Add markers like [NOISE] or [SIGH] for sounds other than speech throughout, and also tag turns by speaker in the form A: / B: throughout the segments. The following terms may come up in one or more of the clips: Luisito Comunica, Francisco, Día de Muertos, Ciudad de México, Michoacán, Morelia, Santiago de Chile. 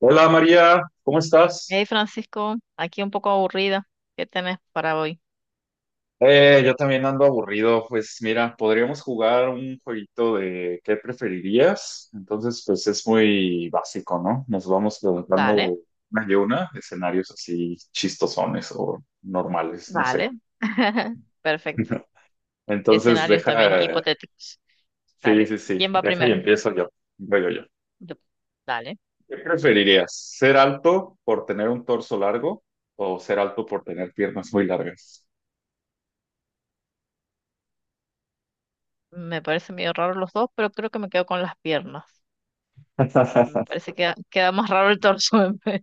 A: Hola María, ¿cómo estás?
B: Hey Francisco, aquí un poco aburrida. ¿Qué tenés para hoy?
A: Yo también ando aburrido. Pues mira, podríamos jugar un jueguito de ¿qué preferirías? Entonces, pues es muy básico, ¿no? Nos vamos
B: Dale,
A: preguntando una y una, escenarios así chistosones o normales, no sé.
B: dale. [LAUGHS] Perfecto.
A: [LAUGHS] Entonces,
B: Escenarios también
A: deja,
B: hipotéticos.
A: sí,
B: Dale.
A: sí, sí,
B: ¿Quién va
A: deja y
B: primero?
A: empiezo yo. Yo, yo, yo.
B: Yo. Dale.
A: ¿Qué preferirías? ¿Ser alto por tener un torso largo o ser alto por tener piernas muy largas?
B: Me parece medio raro los dos, pero creo que me quedo con las piernas. Me
A: [LAUGHS]
B: parece que queda más raro el torso en vez.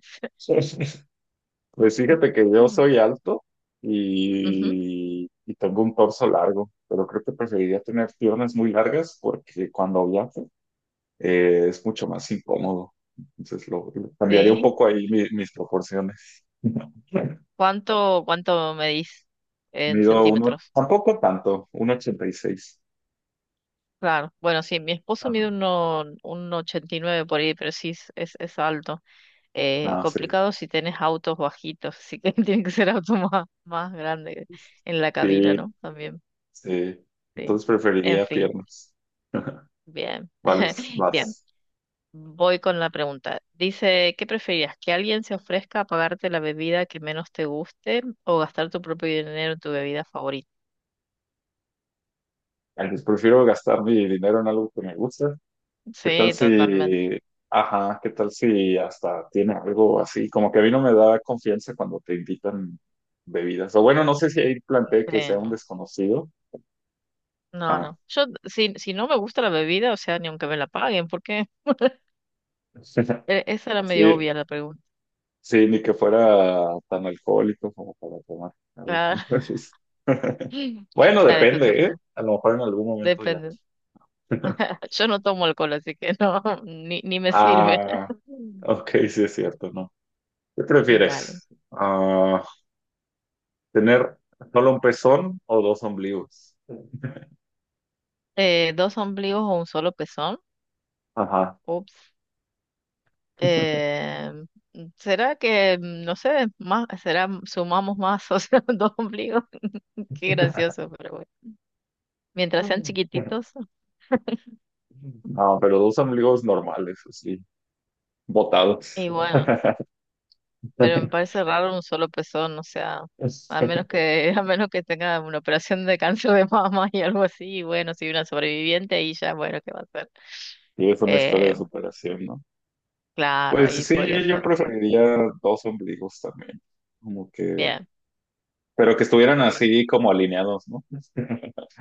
A: Pues fíjate que
B: [LAUGHS]
A: yo soy alto
B: Ujú.
A: y tengo un torso largo, pero creo que preferiría tener piernas muy largas porque cuando viajo es mucho más incómodo. Entonces lo cambiaría un
B: Sí.
A: poco ahí mis proporciones. [LAUGHS]
B: ¿Cuánto medís en
A: Mido uno,
B: centímetros?
A: tampoco tanto, 1,86.
B: Claro. Bueno, sí, mi esposo
A: Ajá.
B: mide uno, un 89 por ahí, pero sí es alto.
A: Ah, sí.
B: Complicado si tenés autos bajitos, así que [LAUGHS] tiene que ser auto más grande en la cabina,
A: Sí,
B: ¿no? También,
A: sí.
B: sí.
A: Entonces
B: En
A: preferiría
B: fin,
A: piernas.
B: bien.
A: Vale,
B: [LAUGHS] Bien,
A: vas.
B: voy con la pregunta. Dice, ¿qué preferías? ¿Que alguien se ofrezca a pagarte la bebida que menos te guste o gastar tu propio dinero en tu bebida favorita?
A: Entonces prefiero gastar mi dinero en algo que me gusta. ¿Qué tal
B: Sí, totalmente.
A: si, ajá, qué tal si hasta tiene algo así? Como que a mí no me da confianza cuando te invitan bebidas. O bueno, no sé si ahí
B: Sí,
A: planteé que sea un
B: no.
A: desconocido.
B: No,
A: Ah,
B: no. Yo, si no me gusta la bebida, o sea, ni aunque me la paguen, porque
A: [LAUGHS]
B: esa era medio
A: sí,
B: obvia la pregunta.
A: sí, ni que fuera tan alcohólico como para tomar algo.
B: Claro.
A: Entonces, [LAUGHS]
B: [LAUGHS]
A: bueno,
B: Dale tu
A: depende, ¿eh?
B: turno.
A: A lo mejor en algún momento ya.
B: Depende.
A: [LAUGHS]
B: Yo no tomo alcohol, así que no, [LAUGHS] ni me sirve.
A: Ah,
B: [LAUGHS]
A: ok, sí es cierto, ¿no? ¿Qué
B: Dale.
A: prefieres? Ah, ¿tener solo un pezón o dos ombligos?
B: ¿Dos ombligos o un solo pezón?
A: Ajá.
B: Ups. Eh, ¿Será que, no sé, más, sumamos más, o sea, [LAUGHS] dos ombligos? [LAUGHS] Qué gracioso, pero bueno. Mientras sean
A: [LAUGHS]
B: chiquititos,
A: No, pero dos amigos normales, así, botados.
B: y bueno,
A: [LAUGHS]
B: pero me parece raro un solo pezón, o sea, a menos que, [LAUGHS] a menos que tenga una operación de cáncer de mama y algo así, y bueno, si una sobreviviente, y ya, bueno, ¿qué va a hacer?
A: Y es una historia
B: Eh,
A: de superación, ¿no?
B: Claro,
A: Pues
B: ahí
A: sí,
B: podría
A: yo
B: ser.
A: preferiría dos ombligos también, como que,
B: Bien,
A: pero que estuvieran así como alineados, ¿no? [LAUGHS]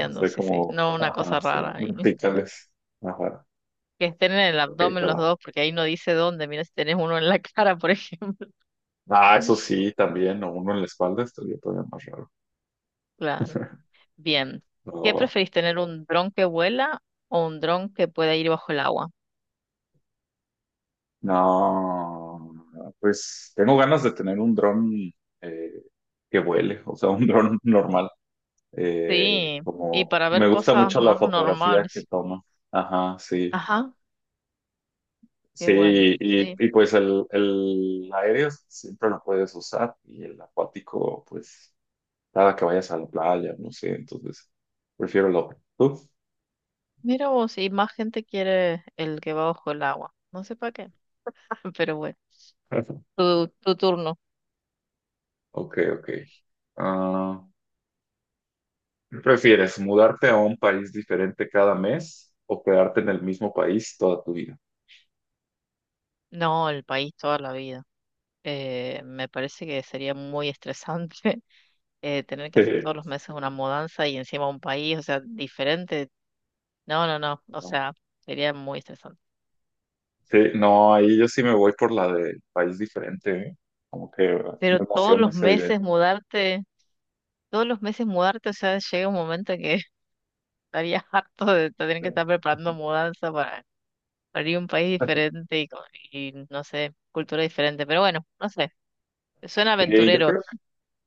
A: No sé,
B: sí, sí.
A: como,
B: No una cosa
A: ajá, sí,
B: rara ahí. [LAUGHS]
A: verticales. Ajá,
B: Que estén en el
A: ok, te
B: abdomen los
A: va.
B: dos, porque ahí no dice dónde. Mira si tenés uno en la [LAUGHS] cara, por ejemplo.
A: Ah, eso
B: [LAUGHS]
A: sí, también, o uno en la espalda estaría todavía más raro.
B: Claro.
A: [LAUGHS]
B: Bien.
A: No,
B: ¿Qué
A: va.
B: preferís, tener un dron que vuela o un dron que pueda ir bajo el agua?
A: No, no, pues tengo ganas de tener un dron eh, que vuele, o sea, un dron [LAUGHS] normal.
B: Sí, y
A: Como
B: para ver
A: me gusta
B: cosas
A: mucho la
B: más
A: fotografía que
B: normales.
A: toma. Ajá, sí.
B: Ajá, qué
A: Sí,
B: bueno.
A: y,
B: Sí.
A: y pues el aéreo siempre lo puedes usar y el acuático, pues cada que vayas a la playa, no sé, entonces prefiero lo otro. ¿Tú?
B: Mira vos, y más gente quiere el que va bajo el agua. No sé para qué, [LAUGHS] pero bueno.
A: [LAUGHS]
B: Tu turno.
A: Ok, ok. Ah, ¿Qué ¿Prefieres mudarte a un país diferente cada mes o quedarte en el mismo país toda tu vida?
B: No, el país toda la vida. Me parece que sería muy estresante [LAUGHS] tener que
A: Sí,
B: hacer todos los meses una mudanza y encima un país, o sea, diferente. No, no, no, o
A: no,
B: sea, sería muy estresante.
A: sí, no, ahí yo sí me voy por la del país diferente, ¿eh? Como que
B: Pero
A: me
B: todos
A: emociona
B: los
A: esa idea.
B: meses mudarte, o sea, llega un momento que [LAUGHS] estarías harto de tener que estar preparando mudanza para ir a un país
A: [LAUGHS]
B: diferente y, no sé, cultura diferente. Pero bueno, no sé, suena
A: Sí, yo
B: aventurero.
A: creo que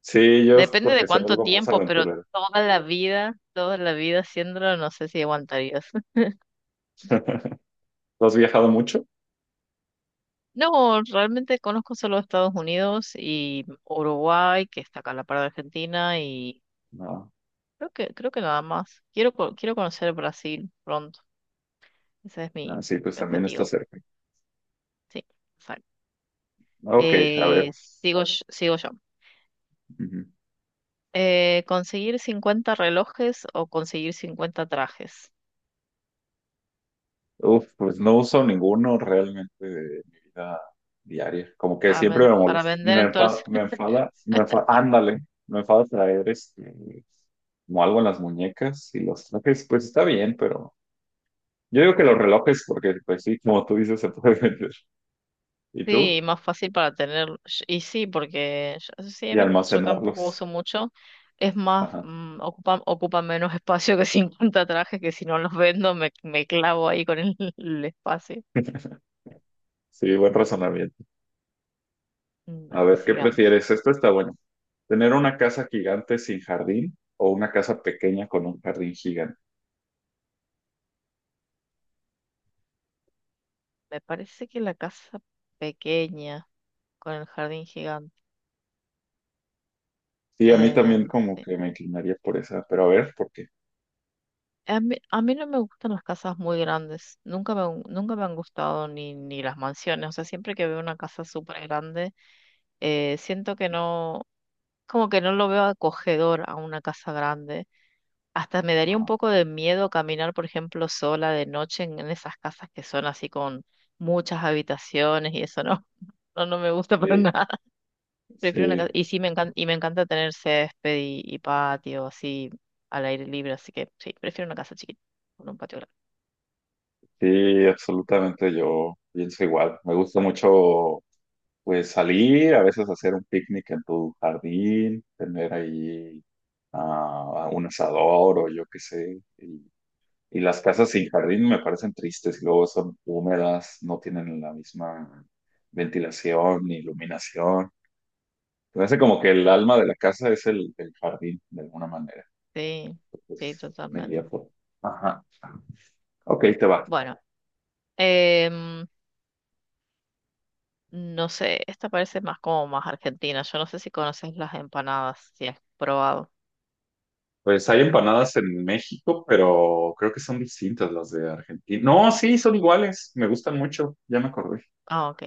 A: sí, yo es
B: Depende de
A: porque soy
B: cuánto
A: algo más
B: tiempo, pero
A: aventurero.
B: toda la vida haciéndolo, no sé si aguantarías.
A: [LAUGHS] ¿Tú has viajado mucho?
B: No, realmente conozco solo Estados Unidos y Uruguay, que está acá a la par de Argentina, y
A: No,
B: creo que nada más. Quiero conocer Brasil pronto. Ese es
A: no,
B: mi,
A: sí, pues
B: mi
A: también está
B: objetivo.
A: cerca.
B: Sí, exacto.
A: Ok, a ver.
B: Sigo yo.
A: Ujú.
B: Conseguir 50 relojes o conseguir 50 trajes
A: Uf, pues no uso ninguno realmente de mi vida diaria. Como que
B: para,
A: siempre
B: ven-
A: me
B: para
A: molesta.
B: vender
A: Me
B: en todo.
A: enfada, me enfada, me enfada, ándale, me enfada traer este, como algo en las muñecas y los trajes, pues está bien, pero yo digo que los relojes, porque pues sí, como tú dices, se puede [LAUGHS] vender. ¿Y
B: Sí,
A: tú?
B: más fácil para tener, y sí, porque yo, sí,
A: Y
B: yo tampoco
A: almacenarlos.
B: uso mucho, es más,
A: Ajá.
B: ocupa menos [LAUGHS] espacio que 50 trajes, que si no los vendo me clavo ahí con el, [LAUGHS] el espacio.
A: Sí, buen razonamiento.
B: Mm,
A: A
B: dale,
A: ver, ¿qué
B: sigamos.
A: prefieres? Esto está bueno. ¿Tener una casa gigante sin jardín o una casa pequeña con un jardín gigante?
B: Me parece que la casa pequeña, con el jardín gigante.
A: Sí, a mí
B: eh,
A: también como
B: sí.
A: que me inclinaría por esa, pero a ver, ¿por qué?
B: A mí no me gustan las casas muy grandes, nunca me han gustado ni las mansiones, o sea, siempre que veo una casa súper grande siento que no, como que no lo veo acogedor a una casa grande. Hasta me daría un
A: Ah,
B: poco de miedo caminar, por ejemplo, sola de noche en esas casas que son así con muchas habitaciones y eso no, [LAUGHS] no me gusta para
A: sí,
B: nada. [LAUGHS] Prefiero una casa.
A: sí,
B: Y sí, me encanta, y me encanta tener césped y patio así al aire libre, así que sí, prefiero una casa chiquita con un patio grande.
A: sí, absolutamente yo pienso igual. Me gusta mucho pues salir, a veces hacer un picnic en tu jardín, tener ahí ah, un asador o yo qué sé. Y las casas sin jardín me parecen tristes, y luego son húmedas, no tienen la misma ventilación ni iluminación. Me parece como que el alma de la casa es el jardín, de alguna manera.
B: Sí, sí,
A: Pues me
B: totalmente.
A: iría por. Ajá. Ok, te va.
B: Bueno, em, no sé, esta parece más como más argentina. Yo no sé si conoces las empanadas, si has probado.
A: Pues hay empanadas en México, pero creo que son distintas las de Argentina. No, sí, son iguales. Me gustan mucho. Ya me acordé.
B: Ah, ok.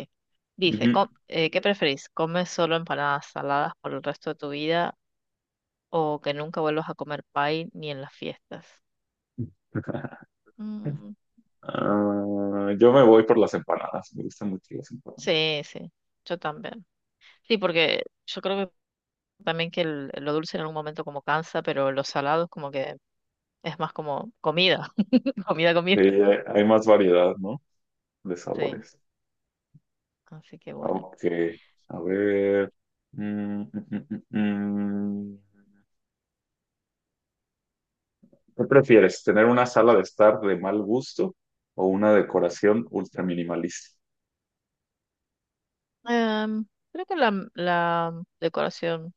B: Dice,
A: Ujú.
B: ¿qué preferís? ¿Comes solo empanadas saladas por el resto de tu vida o que nunca vuelvas a comer pie ni en las fiestas?
A: [LAUGHS]
B: Mm,
A: Ah, yo me voy por las empanadas. Me gustan mucho las empanadas.
B: sí, sí, yo también. Sí, porque yo creo que también que lo dulce en algún momento como cansa, pero los salados como que es más como comida, [LAUGHS] comida, comida.
A: Sí, hay más variedad, ¿no? De
B: Sí,
A: sabores.
B: así que bueno.
A: Ok. A ver. Mm, mm, mm, mm, mm. ¿Qué prefieres? ¿Tener una sala de estar de mal gusto o una decoración ultra minimalista?
B: Em, Creo que la decoración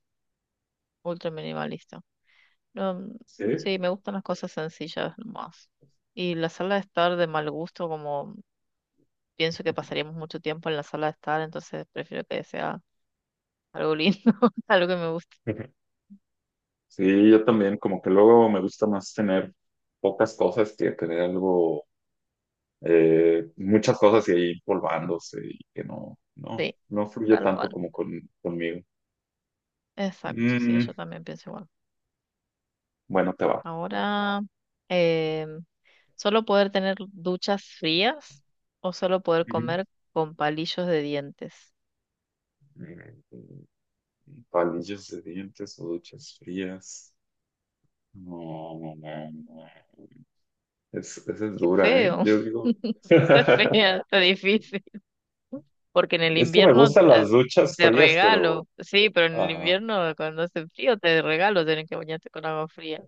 B: ultra minimalista. No,
A: Sí.
B: sí, me gustan las cosas sencillas más. Y la sala de estar de mal gusto, como pienso que pasaríamos mucho tiempo en la sala de estar, entonces prefiero que sea algo lindo, [LAUGHS] algo que me guste.
A: Ujú. Sí, yo también, como que luego me gusta más tener pocas cosas que tener algo, muchas cosas y ahí polvándose y que no, no,
B: Sí,
A: no fluye
B: tal
A: tanto
B: cual.
A: como conmigo.
B: Exacto, sí,
A: Mm,
B: yo también pienso igual.
A: bueno, te va.
B: Ahora, em, solo poder tener duchas frías o solo poder
A: Ujú.
B: comer con palillos de dientes.
A: Mm, palillos de dientes o duchas frías. No, no, no, no. Esa es
B: Qué
A: dura, ¿eh?
B: feo.
A: Yo digo,
B: [LAUGHS] Está
A: [LAUGHS]
B: fea, está difícil. Porque en el
A: es que me
B: invierno
A: gustan las duchas
B: te
A: frías, pero,
B: regalo, sí, pero en el
A: ajá,
B: invierno cuando hace frío te regalo tener que bañarte con agua fría.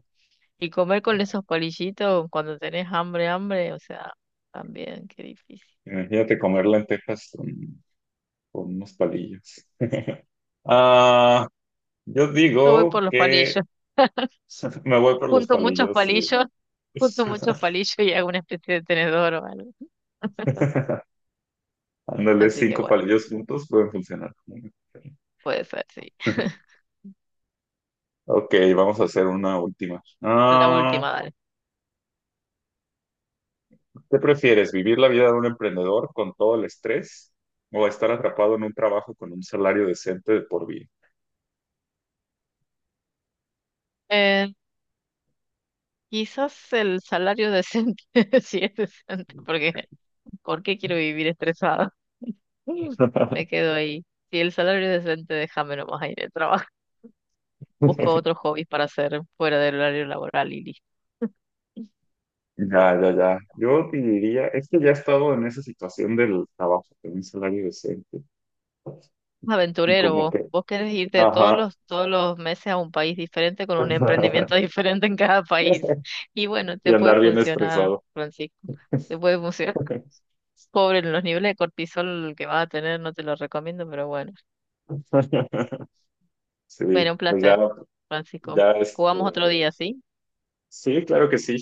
B: Y comer con esos palillitos cuando tenés hambre, hambre, o sea, también qué difícil.
A: imagínate comer lentejas con unos palillos. Ah, yo
B: Yo voy
A: digo
B: por los
A: que
B: palillos, [LAUGHS]
A: [LAUGHS] me voy por los
B: junto muchos
A: palillos y...
B: palillos, junto muchos
A: [LAUGHS]
B: palillos y hago una especie de tenedor o algo.
A: Ándale,
B: Así que
A: cinco
B: bueno,
A: palillos juntos pueden funcionar.
B: puede ser, sí.
A: [LAUGHS]
B: [LAUGHS]
A: Ok, vamos a hacer una última.
B: La
A: Ah,
B: última, dale.
A: ¿qué prefieres, vivir la vida de un emprendedor con todo el estrés o estar atrapado en un trabajo con un salario decente de por vida?
B: Eh, Quizás el salario decente, [LAUGHS] si es decente, porque ¿por qué quiero vivir estresado? [LAUGHS] Me
A: [LAUGHS]
B: quedo ahí. Si el salario es decente, déjame nomás ahí de trabajo. [LAUGHS] Busco otros hobbies para hacer fuera del horario laboral y listo.
A: Ya, ya, ya. Yo diría, es que ya he estado en esa situación del trabajo con un salario decente. Y
B: Aventurero
A: como
B: vos.
A: que,
B: Vos querés irte todos
A: ajá.
B: los, todos los meses a un país diferente con un
A: [LAUGHS]
B: emprendimiento [LAUGHS] diferente en cada país. Y bueno,
A: Y
B: te puede
A: andar bien
B: funcionar,
A: estresado.
B: Francisco. Te puede funcionar. [LAUGHS] Pobre, los niveles de cortisol que vas a tener, no te lo recomiendo, pero bueno.
A: [LAUGHS]
B: Bueno,
A: Sí,
B: un
A: pues ya,
B: placer, Francisco.
A: ya este,
B: Jugamos otro día, ¿sí?
A: sí, claro que sí.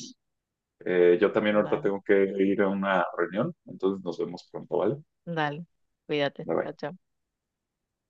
A: Yo también ahorita
B: Dale,
A: tengo que ir a una reunión, entonces nos vemos pronto, ¿vale?
B: dale. Cuídate.
A: Bye
B: Chao,
A: bye.
B: chao.